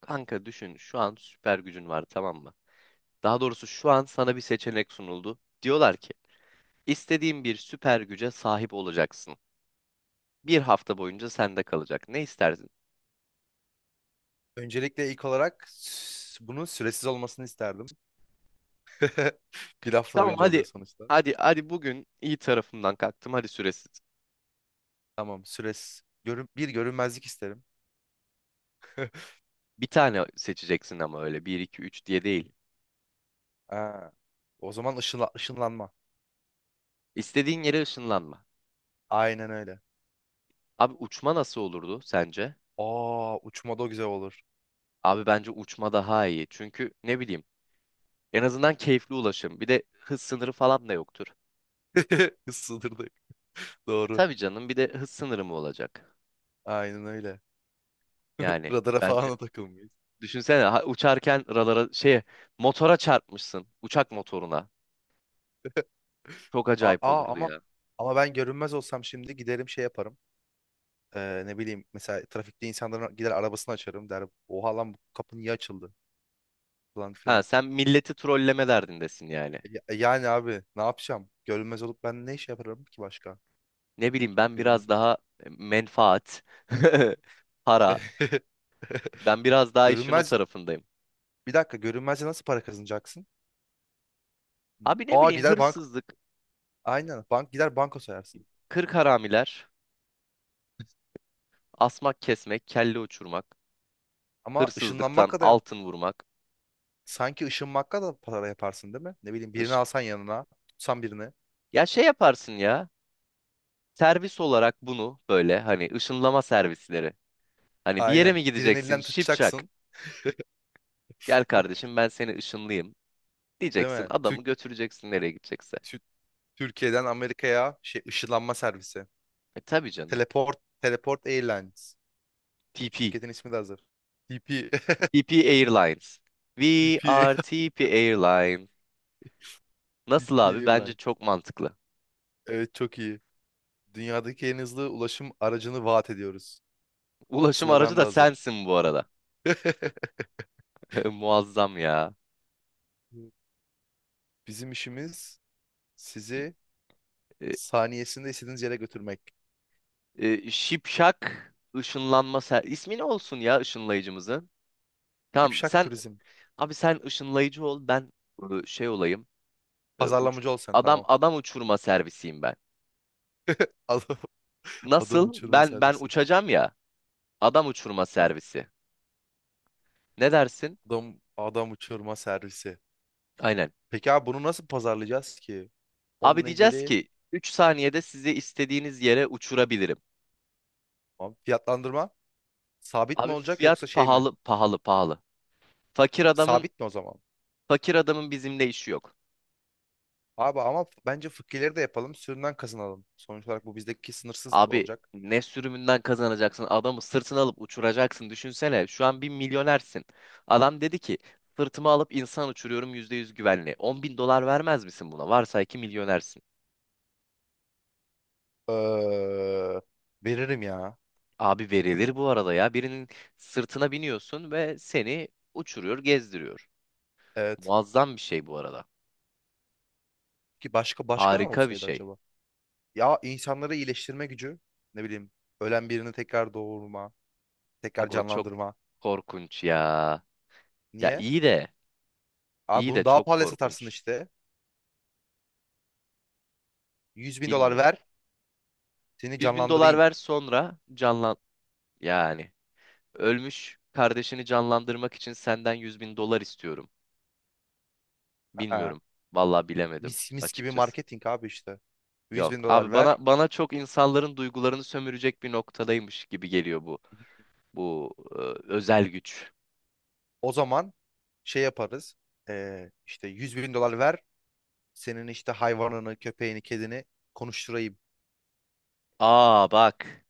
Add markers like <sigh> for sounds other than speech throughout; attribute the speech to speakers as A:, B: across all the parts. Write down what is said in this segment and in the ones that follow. A: Kanka düşün şu an süper gücün var, tamam mı? Daha doğrusu şu an sana bir seçenek sunuldu. Diyorlar ki istediğin bir süper güce sahip olacaksın. Bir hafta boyunca sende kalacak. Ne istersin?
B: Öncelikle ilk olarak bunun süresiz olmasını isterdim. <laughs> Bir hafta
A: Tamam,
B: boyunca oluyor
A: hadi
B: sonuçta.
A: hadi hadi bugün iyi tarafımdan kalktım, hadi süresiz.
B: Tamam, süresiz. Bir görünmezlik isterim.
A: Bir tane seçeceksin ama öyle bir 2 3 diye değil.
B: Aa, o zaman ışınlanma.
A: İstediğin yere ışınlanma.
B: Aynen öyle.
A: Abi uçma nasıl olurdu sence?
B: Aa, uçmada o güzel olur.
A: Abi bence uçma daha iyi. Çünkü ne bileyim, en azından keyifli ulaşım. Bir de hız sınırı falan da yoktur.
B: <laughs> Sınırdayım. Doğru.
A: Tabii canım, bir de hız sınırı mı olacak?
B: Aynen öyle.
A: Yani
B: Radara
A: bence
B: falan da takılmayız.
A: düşünsene, uçarken ralara şey motora çarpmışsın, uçak motoruna. Çok
B: Aa,
A: acayip
B: aa,
A: olurdu
B: ama
A: ya.
B: ben görünmez olsam şimdi giderim şey yaparım. Ne bileyim, mesela trafikte insanların gider arabasını açarım der. Oha lan, bu kapı niye açıldı falan
A: Ha,
B: filan.
A: sen milleti trolleme derdindesin yani.
B: Yani abi ne yapacağım? Görünmez olup ben ne iş yaparım ki başka?
A: Ne bileyim, ben biraz
B: Görün...
A: daha menfaat, <laughs> para.
B: <laughs>
A: Ben biraz daha işin o
B: Görünmez.
A: tarafındayım.
B: Bir dakika, görünmezce nasıl para kazanacaksın?
A: Abi ne
B: Aa,
A: bileyim,
B: gider bank.
A: hırsızlık,
B: Aynen, gider banka soyarsın.
A: kırk haramiler, asmak kesmek, kelle uçurmak,
B: Ama
A: hırsızlıktan
B: ışınlanmakla da
A: altın vurmak.
B: Sanki ışınmakla da para yaparsın değil mi? Ne bileyim, birini
A: ış-
B: alsan yanına, tutsan birini.
A: Ya şey yaparsın ya. Servis olarak bunu böyle, hani ışınlama servisleri. Hani bir yere
B: Aynen.
A: mi
B: Birinin
A: gideceksin
B: elinden
A: şipşak?
B: tutacaksın
A: Gel kardeşim, ben seni ışınlayayım.
B: değil
A: Diyeceksin,
B: mi?
A: adamı götüreceksin nereye gidecekse.
B: Tü- Türkiye'den Amerika'ya şey ışınlanma servisi.
A: E tabii canım.
B: Teleport Airlines.
A: TP.
B: Şirketin ismi de hazır. TP
A: TP Airlines. We
B: TP
A: are TP Airline. Nasıl
B: TP <laughs>
A: abi? Bence
B: Airlines.
A: çok mantıklı.
B: Evet, çok iyi. Dünyadaki en hızlı ulaşım aracını vaat ediyoruz.
A: Ulaşım aracı
B: Slogan da
A: da
B: hazır.
A: sensin bu arada.
B: <laughs>
A: <laughs> Muazzam ya.
B: Bizim işimiz sizi
A: E,
B: saniyesinde istediğiniz yere götürmek.
A: Şipşak ışınlanma ser... İsmi ne olsun ya ışınlayıcımızın? Tamam
B: Şipşak
A: sen,
B: turizm.
A: abi sen ışınlayıcı ol, ben şey olayım. Uç
B: Pazarlamacı ol sen,
A: adam
B: tamam.
A: adam uçurma servisiyim ben.
B: Al. <laughs> Adam
A: Nasıl?
B: uçurma
A: Ben
B: servisi.
A: uçacağım ya. Adam uçurma
B: Tamam.
A: servisi. Ne dersin?
B: Adam adam uçurma servisi.
A: Aynen.
B: Peki abi bunu nasıl pazarlayacağız ki?
A: Abi
B: Onunla
A: diyeceğiz
B: ilgili
A: ki 3 saniyede sizi istediğiniz yere uçurabilirim.
B: abi, fiyatlandırma sabit mi
A: Abi
B: olacak yoksa
A: fiyat
B: şey mi?
A: pahalı pahalı pahalı. Fakir adamın
B: Sabit mi o zaman?
A: fakir adamın bizimle işi yok.
B: Abi ama bence fıkkileri de yapalım. Sürümden kazanalım. Sonuç olarak bu bizdeki sınırsız
A: Abi
B: olacak.
A: ne sürümünden kazanacaksın? Adamı sırtına alıp uçuracaksın. Düşünsene şu an bir milyonersin. Adam dedi ki sırtıma alıp insan uçuruyorum, %100 güvenli. 10 bin dolar vermez misin buna? Varsay ki milyonersin.
B: Ee, Veririm ya.
A: Abi verilir bu arada ya. Birinin sırtına biniyorsun ve seni uçuruyor, gezdiriyor.
B: Evet.
A: Muazzam bir şey bu arada.
B: Ki başka başka ne
A: Harika bir
B: olsaydı
A: şey.
B: acaba? Ya, insanları iyileştirme gücü. Ne bileyim. Ölen birini tekrar doğurma. Tekrar
A: Ago, çok
B: canlandırma.
A: korkunç ya. Ya
B: Niye?
A: iyi de,
B: Abi
A: iyi de
B: bunu daha
A: çok
B: pahalıya satarsın
A: korkunç.
B: işte. 100 bin dolar
A: Bilmiyorum.
B: ver. Seni
A: 100 bin dolar
B: canlandırayım.
A: ver, sonra canlan... Yani ölmüş kardeşini canlandırmak için senden 100 bin dolar istiyorum.
B: Ha.
A: Bilmiyorum. Vallahi bilemedim
B: Mis, mis gibi
A: açıkçası.
B: marketing abi işte. 100
A: Yok
B: bin dolar
A: abi, bana
B: ver.
A: bana çok insanların duygularını sömürecek bir noktadaymış gibi geliyor bu. Bu özel güç.
B: O zaman şey yaparız. İşte 100 bin dolar ver. Senin işte hayvanını, köpeğini, kedini konuşturayım.
A: Aa, bak.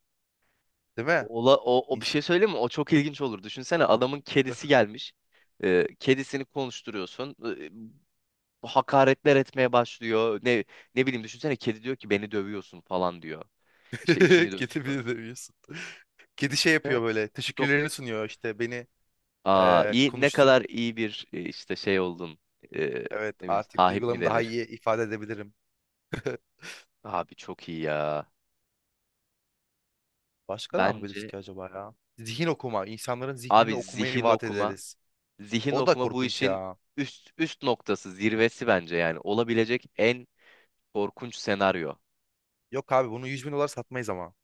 B: Değil mi?
A: Ola, o, o bir
B: İns-
A: şey söyleyeyim mi? O çok ilginç olur. Düşünsene, adamın kedisi gelmiş. Kedisini konuşturuyorsun. Hakaretler etmeye başlıyor. Ne bileyim, düşünsene, kedi diyor ki beni dövüyorsun falan diyor. İşte
B: <laughs>
A: içini
B: Kedi
A: döküyor.
B: bile demiyorsun. Kedi şey
A: Düşünsene,
B: yapıyor böyle.
A: çok, çok...
B: Teşekkürlerini sunuyor işte. Beni
A: Aa, iyi, ne
B: konuştur.
A: kadar iyi bir işte şey oldun. E,
B: Evet,
A: ne bileyim,
B: artık
A: sahip mi
B: duygularımı daha
A: denir?
B: iyi ifade edebilirim. <laughs>
A: Abi çok iyi ya.
B: Başka ne yapabiliriz
A: Bence
B: ki acaba ya? Zihin okuma. İnsanların zihnini
A: abi,
B: okumayı
A: zihin
B: vaat
A: okuma
B: ederiz.
A: zihin
B: O da
A: okuma bu
B: korkunç
A: işin
B: ya.
A: üst noktası, zirvesi bence yani. Olabilecek en korkunç senaryo.
B: Yok abi, bunu 100 bin dolar satmayız ama.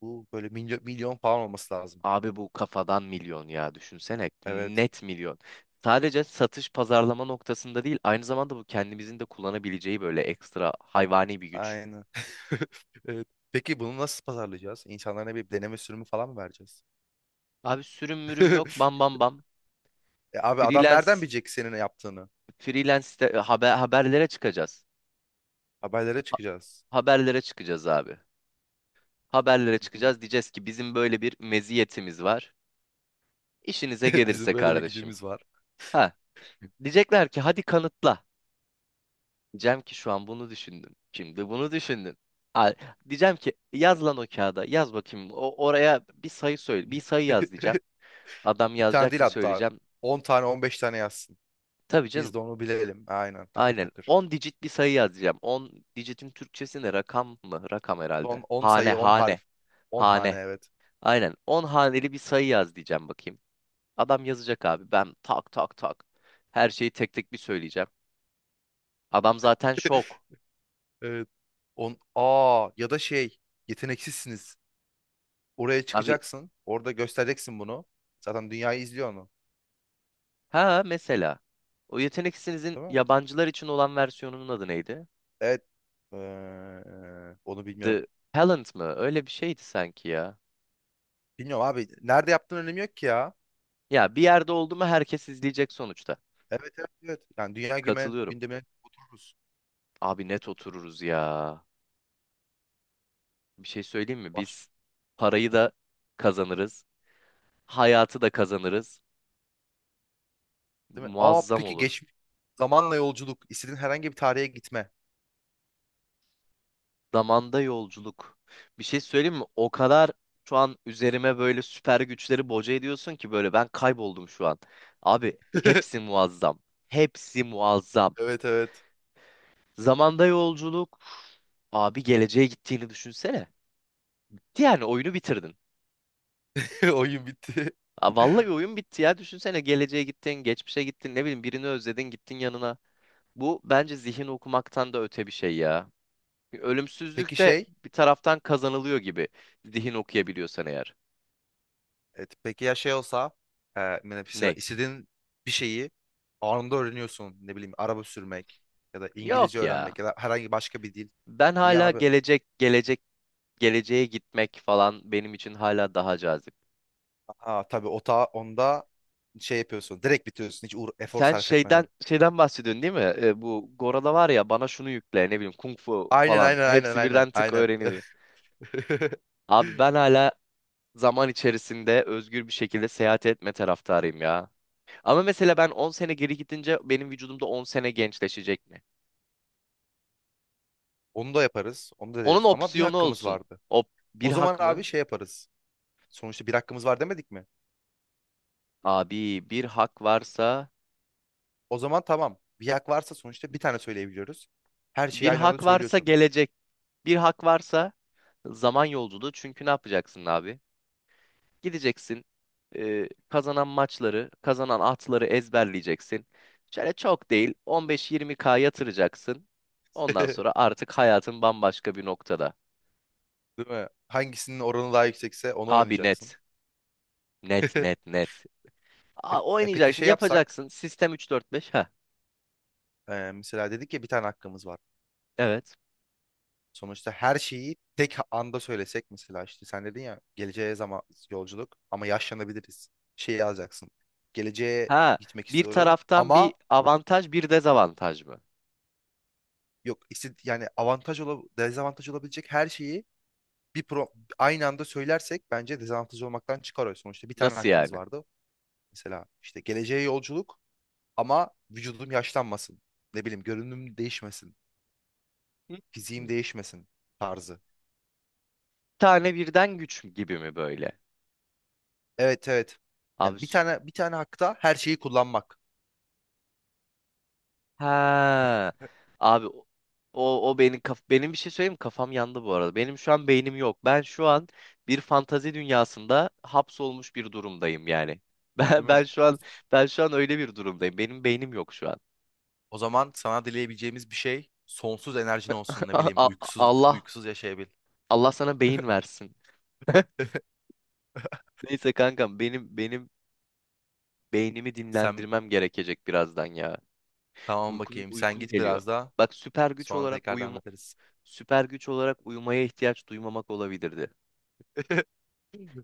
B: Bu böyle milyon, milyon falan olması lazım.
A: Abi bu kafadan milyon ya, düşünsene.
B: Evet.
A: Net milyon. Sadece satış pazarlama noktasında değil, aynı zamanda bu kendimizin de kullanabileceği böyle ekstra
B: Am-
A: hayvani bir güç.
B: Aynen. <laughs> Evet. Peki bunu nasıl pazarlayacağız? İnsanlara ne, bir deneme sürümü falan mı vereceğiz?
A: Abi sürüm mürüm yok, bam
B: <laughs>
A: bam bam.
B: Abi, adam nereden
A: Freelance,
B: bilecek senin ne yaptığını?
A: freelance de- e, haber, haberlere çıkacağız.
B: Haberlere
A: Ha-
B: çıkacağız.
A: Haberlere çıkacağız abi. Haberlere çıkacağız.
B: <laughs>
A: Diyeceğiz ki bizim böyle bir meziyetimiz var. İşinize
B: Bizim
A: gelirse
B: böyle bir
A: kardeşim.
B: gücümüz var.
A: Ha, diyecekler ki hadi kanıtla. Diyeceğim ki şu an bunu düşündüm. Şimdi bunu düşündüm. Al, diyeceğim ki yaz lan o kağıda. Yaz bakayım. Oraya bir sayı söyle. Bir sayı yaz diyeceğim.
B: <laughs>
A: Adam
B: Bir tane
A: yazacak,
B: değil
A: bir
B: hatta.
A: söyleyeceğim.
B: 10 tane, 15 tane yazsın.
A: Tabii
B: Biz
A: canım.
B: de onu bilelim. Aynen, takır
A: Aynen.
B: takır.
A: 10 digit bir sayı yaz diyeceğim. 10 digitin Türkçesi ne? Rakam mı? Rakam herhalde.
B: Son on sayı 10 harf. 10 hane,
A: Hane.
B: evet.
A: Aynen. 10 haneli bir sayı yaz diyeceğim bakayım. Adam yazacak abi. Ben tak tak tak. Her şeyi tek tek bir söyleyeceğim. Adam zaten şok.
B: Evet. 10, ya da şey, yeteneksizsiniz. Oraya
A: Abi,
B: çıkacaksın. Orada göstereceksin bunu. Zaten dünyayı izliyor onu.
A: ha mesela. O Yetenek İşinizin
B: Değil mi?
A: yabancılar için olan versiyonunun adı neydi?
B: Evet. Eee, Onu bilmiyorum.
A: The Talent mı? Öyle bir şeydi sanki ya.
B: Bilmiyorum abi. Nerede yaptığın önemi yok ki ya.
A: Ya bir yerde oldu mu herkes izleyecek sonuçta.
B: Evet, evet, evet. Yani dünya
A: Katılıyorum.
B: gündemine otururuz.
A: Abi net otururuz ya. Bir şey söyleyeyim mi?
B: Baş,
A: Biz parayı da kazanırız. Hayatı da kazanırız.
B: Değil mi? Aa,
A: Muazzam
B: peki
A: olur.
B: geçmiş. Zamanla yolculuk. İstediğin herhangi bir tarihe gitme.
A: Zamanda yolculuk. Bir şey söyleyeyim mi? O kadar şu an üzerime böyle süper güçleri boca ediyorsun ki böyle ben kayboldum şu an. Abi hepsi
B: <laughs>
A: muazzam. Hepsi muazzam.
B: Evet, evet.
A: Zamanda yolculuk. Abi geleceğe gittiğini düşünsene. Bitti, yani oyunu bitirdin.
B: <laughs> Oyun bitti.
A: Aa, vallahi oyun bitti ya. Düşünsene, geleceğe gittin, geçmişe gittin, ne bileyim birini özledin, gittin yanına. Bu bence zihin okumaktan da öte bir şey ya.
B: Peki
A: Ölümsüzlük de
B: şey
A: bir taraftan kazanılıyor gibi. Zihin okuyabiliyorsan eğer.
B: Evet, peki ya şey olsa, mesela
A: Ne?
B: istediğin bir şeyi anında öğreniyorsun. Ne bileyim, araba sürmek ya da İngilizce
A: Yok ya.
B: öğrenmek ya da herhangi başka bir dil.
A: Ben
B: Niye
A: hala
B: abi?
A: geleceğe gitmek falan benim için hala daha cazip.
B: Aa tabii, o ta onda şey yapıyorsun. Direkt bitiriyorsun, hiç efor
A: Sen
B: sarf
A: şeyden
B: etmeden.
A: şeyden bahsediyorsun değil mi? E, bu Gora'da var ya, bana şunu yükle, ne bileyim kung fu
B: Aynen,
A: falan,
B: aynen, aynen,
A: hepsi
B: aynen,
A: birden tık
B: aynen.
A: öğreniyor.
B: <laughs>
A: Abi ben hala zaman içerisinde özgür bir şekilde seyahat etme taraftarıyım ya. Ama mesela ben 10 sene geri gidince benim vücudumda 10 sene gençleşecek mi?
B: Onu da yaparız. Onu da
A: Onun
B: deriz. Ama bir
A: opsiyonu
B: hakkımız
A: olsun.
B: vardı.
A: O bir
B: O zaman
A: hak
B: abi
A: mı?
B: şey yaparız. Sonuçta bir hakkımız var demedik mi?
A: Abi bir hak varsa,
B: O zaman tamam. Bir hak varsa sonuçta bir tane söyleyebiliyoruz. Her şeyi
A: bir
B: aynı anda
A: hak varsa
B: söylüyorsun.
A: gelecek. Bir hak varsa zaman yolculuğu. Çünkü ne yapacaksın abi? Gideceksin, e, kazanan maçları, kazanan atları ezberleyeceksin. Şöyle çok değil, 15-20K yatıracaksın. Ondan sonra
B: <laughs>
A: artık hayatın bambaşka bir noktada.
B: Değil mi? Hangisinin oranı daha yüksekse onu
A: Abi
B: oynayacaksın.
A: net. Net net
B: <laughs>
A: net.
B: E, peki
A: Oynayacaksın,
B: şey yapsak,
A: yapacaksın. Sistem 3-4-5. Ha.
B: mesela dedik ya, bir tane hakkımız var.
A: Evet.
B: Sonuçta her şeyi tek anda söylesek, mesela işte sen dedin ya, geleceğe zaman yolculuk ama yaşlanabiliriz. Şey yazacaksın. Geleceğe
A: Ha.
B: gitmek
A: Bir
B: istiyorum
A: taraftan bir
B: ama
A: avantaj, bir dezavantaj mı?
B: yok işte, yani avantaj ol, dezavantaj olabilecek her şeyi bir pro aynı anda söylersek bence dezavantaj olmaktan çıkar o. Sonuçta bir tane
A: Nasıl
B: hakkımız
A: yani?
B: vardı. Mesela işte geleceğe yolculuk, ama vücudum yaşlanmasın. Ne bileyim, görünüm değişmesin. Fiziğim
A: Hı.
B: değişmesin tarzı.
A: Tane birden güç mü gibi mi böyle?
B: Evet, evet. Yani
A: Abi süper.
B: bir tane hakta her şeyi kullanmak.
A: Ha. Abi, o o o beni kaf benim bir şey söyleyeyim mi? Kafam yandı bu arada. Benim şu an beynim yok. Ben şu an bir fantazi dünyasında hapsolmuş bir durumdayım yani. <laughs> Ben
B: Değil mi?
A: ben şu an ben şu an öyle bir durumdayım. Benim beynim yok şu an.
B: O zaman sana dileyebileceğimiz bir şey, sonsuz enerjin
A: <laughs>
B: olsun, ne
A: A-
B: bileyim,
A: a-
B: uykusuz
A: Allah
B: uykusuz yaşayabil.
A: Allah sana beyin versin.
B: <laughs>
A: Neyse kankam, benim beynimi
B: Sen,
A: dinlendirmem gerekecek birazdan ya.
B: tamam
A: Uykum
B: bakayım, sen
A: uykum
B: git
A: geliyor.
B: biraz daha
A: Bak, süper güç
B: sonra
A: olarak
B: tekrardan
A: uyum...
B: biteriz.
A: Süper güç olarak uyumaya ihtiyaç duymamak olabilirdi.
B: <laughs>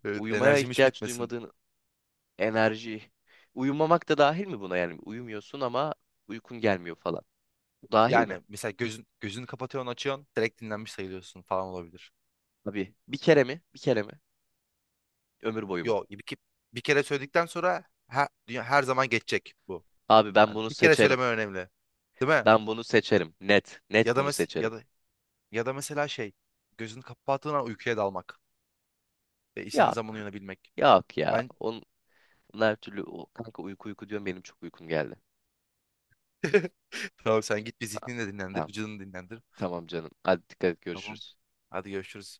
B: Evet,
A: Uyumaya
B: enerjim hiç
A: ihtiyaç
B: bitmesin.
A: duymadığın enerji, uyumamak da dahil mi buna yani? Uyumuyorsun ama uykun gelmiyor falan. Bu dahil mi?
B: Yani mesela gözünü kapatıyorsun, açıyorsun, direkt dinlenmiş sayılıyorsun falan olabilir.
A: Abi bir kere mi? Bir kere mi? Ömür boyu mu?
B: Yo, bir kere söyledikten sonra her zaman geçecek bu.
A: Abi ben
B: Yani
A: bunu
B: bir kere
A: seçerim.
B: söyleme önemli. Değil mi?
A: Ben bunu seçerim. Net. Net
B: Ya da
A: bunu
B: mes ya
A: seçerim.
B: da ya da mesela şey, gözünü kapattığın an uykuya dalmak ve istediğin zaman
A: Yok.
B: uyanabilmek.
A: Yok ya.
B: Ben
A: Onlar her türlü o, kanka, uyku uyku diyorum, benim çok uykum geldi.
B: <laughs> tamam, sen git bir zihnini de dinlendir,
A: Tamam.
B: vücudunu dinlendir.
A: Tamam canım. Hadi dikkat et,
B: Tamam.
A: görüşürüz.
B: Hadi görüşürüz.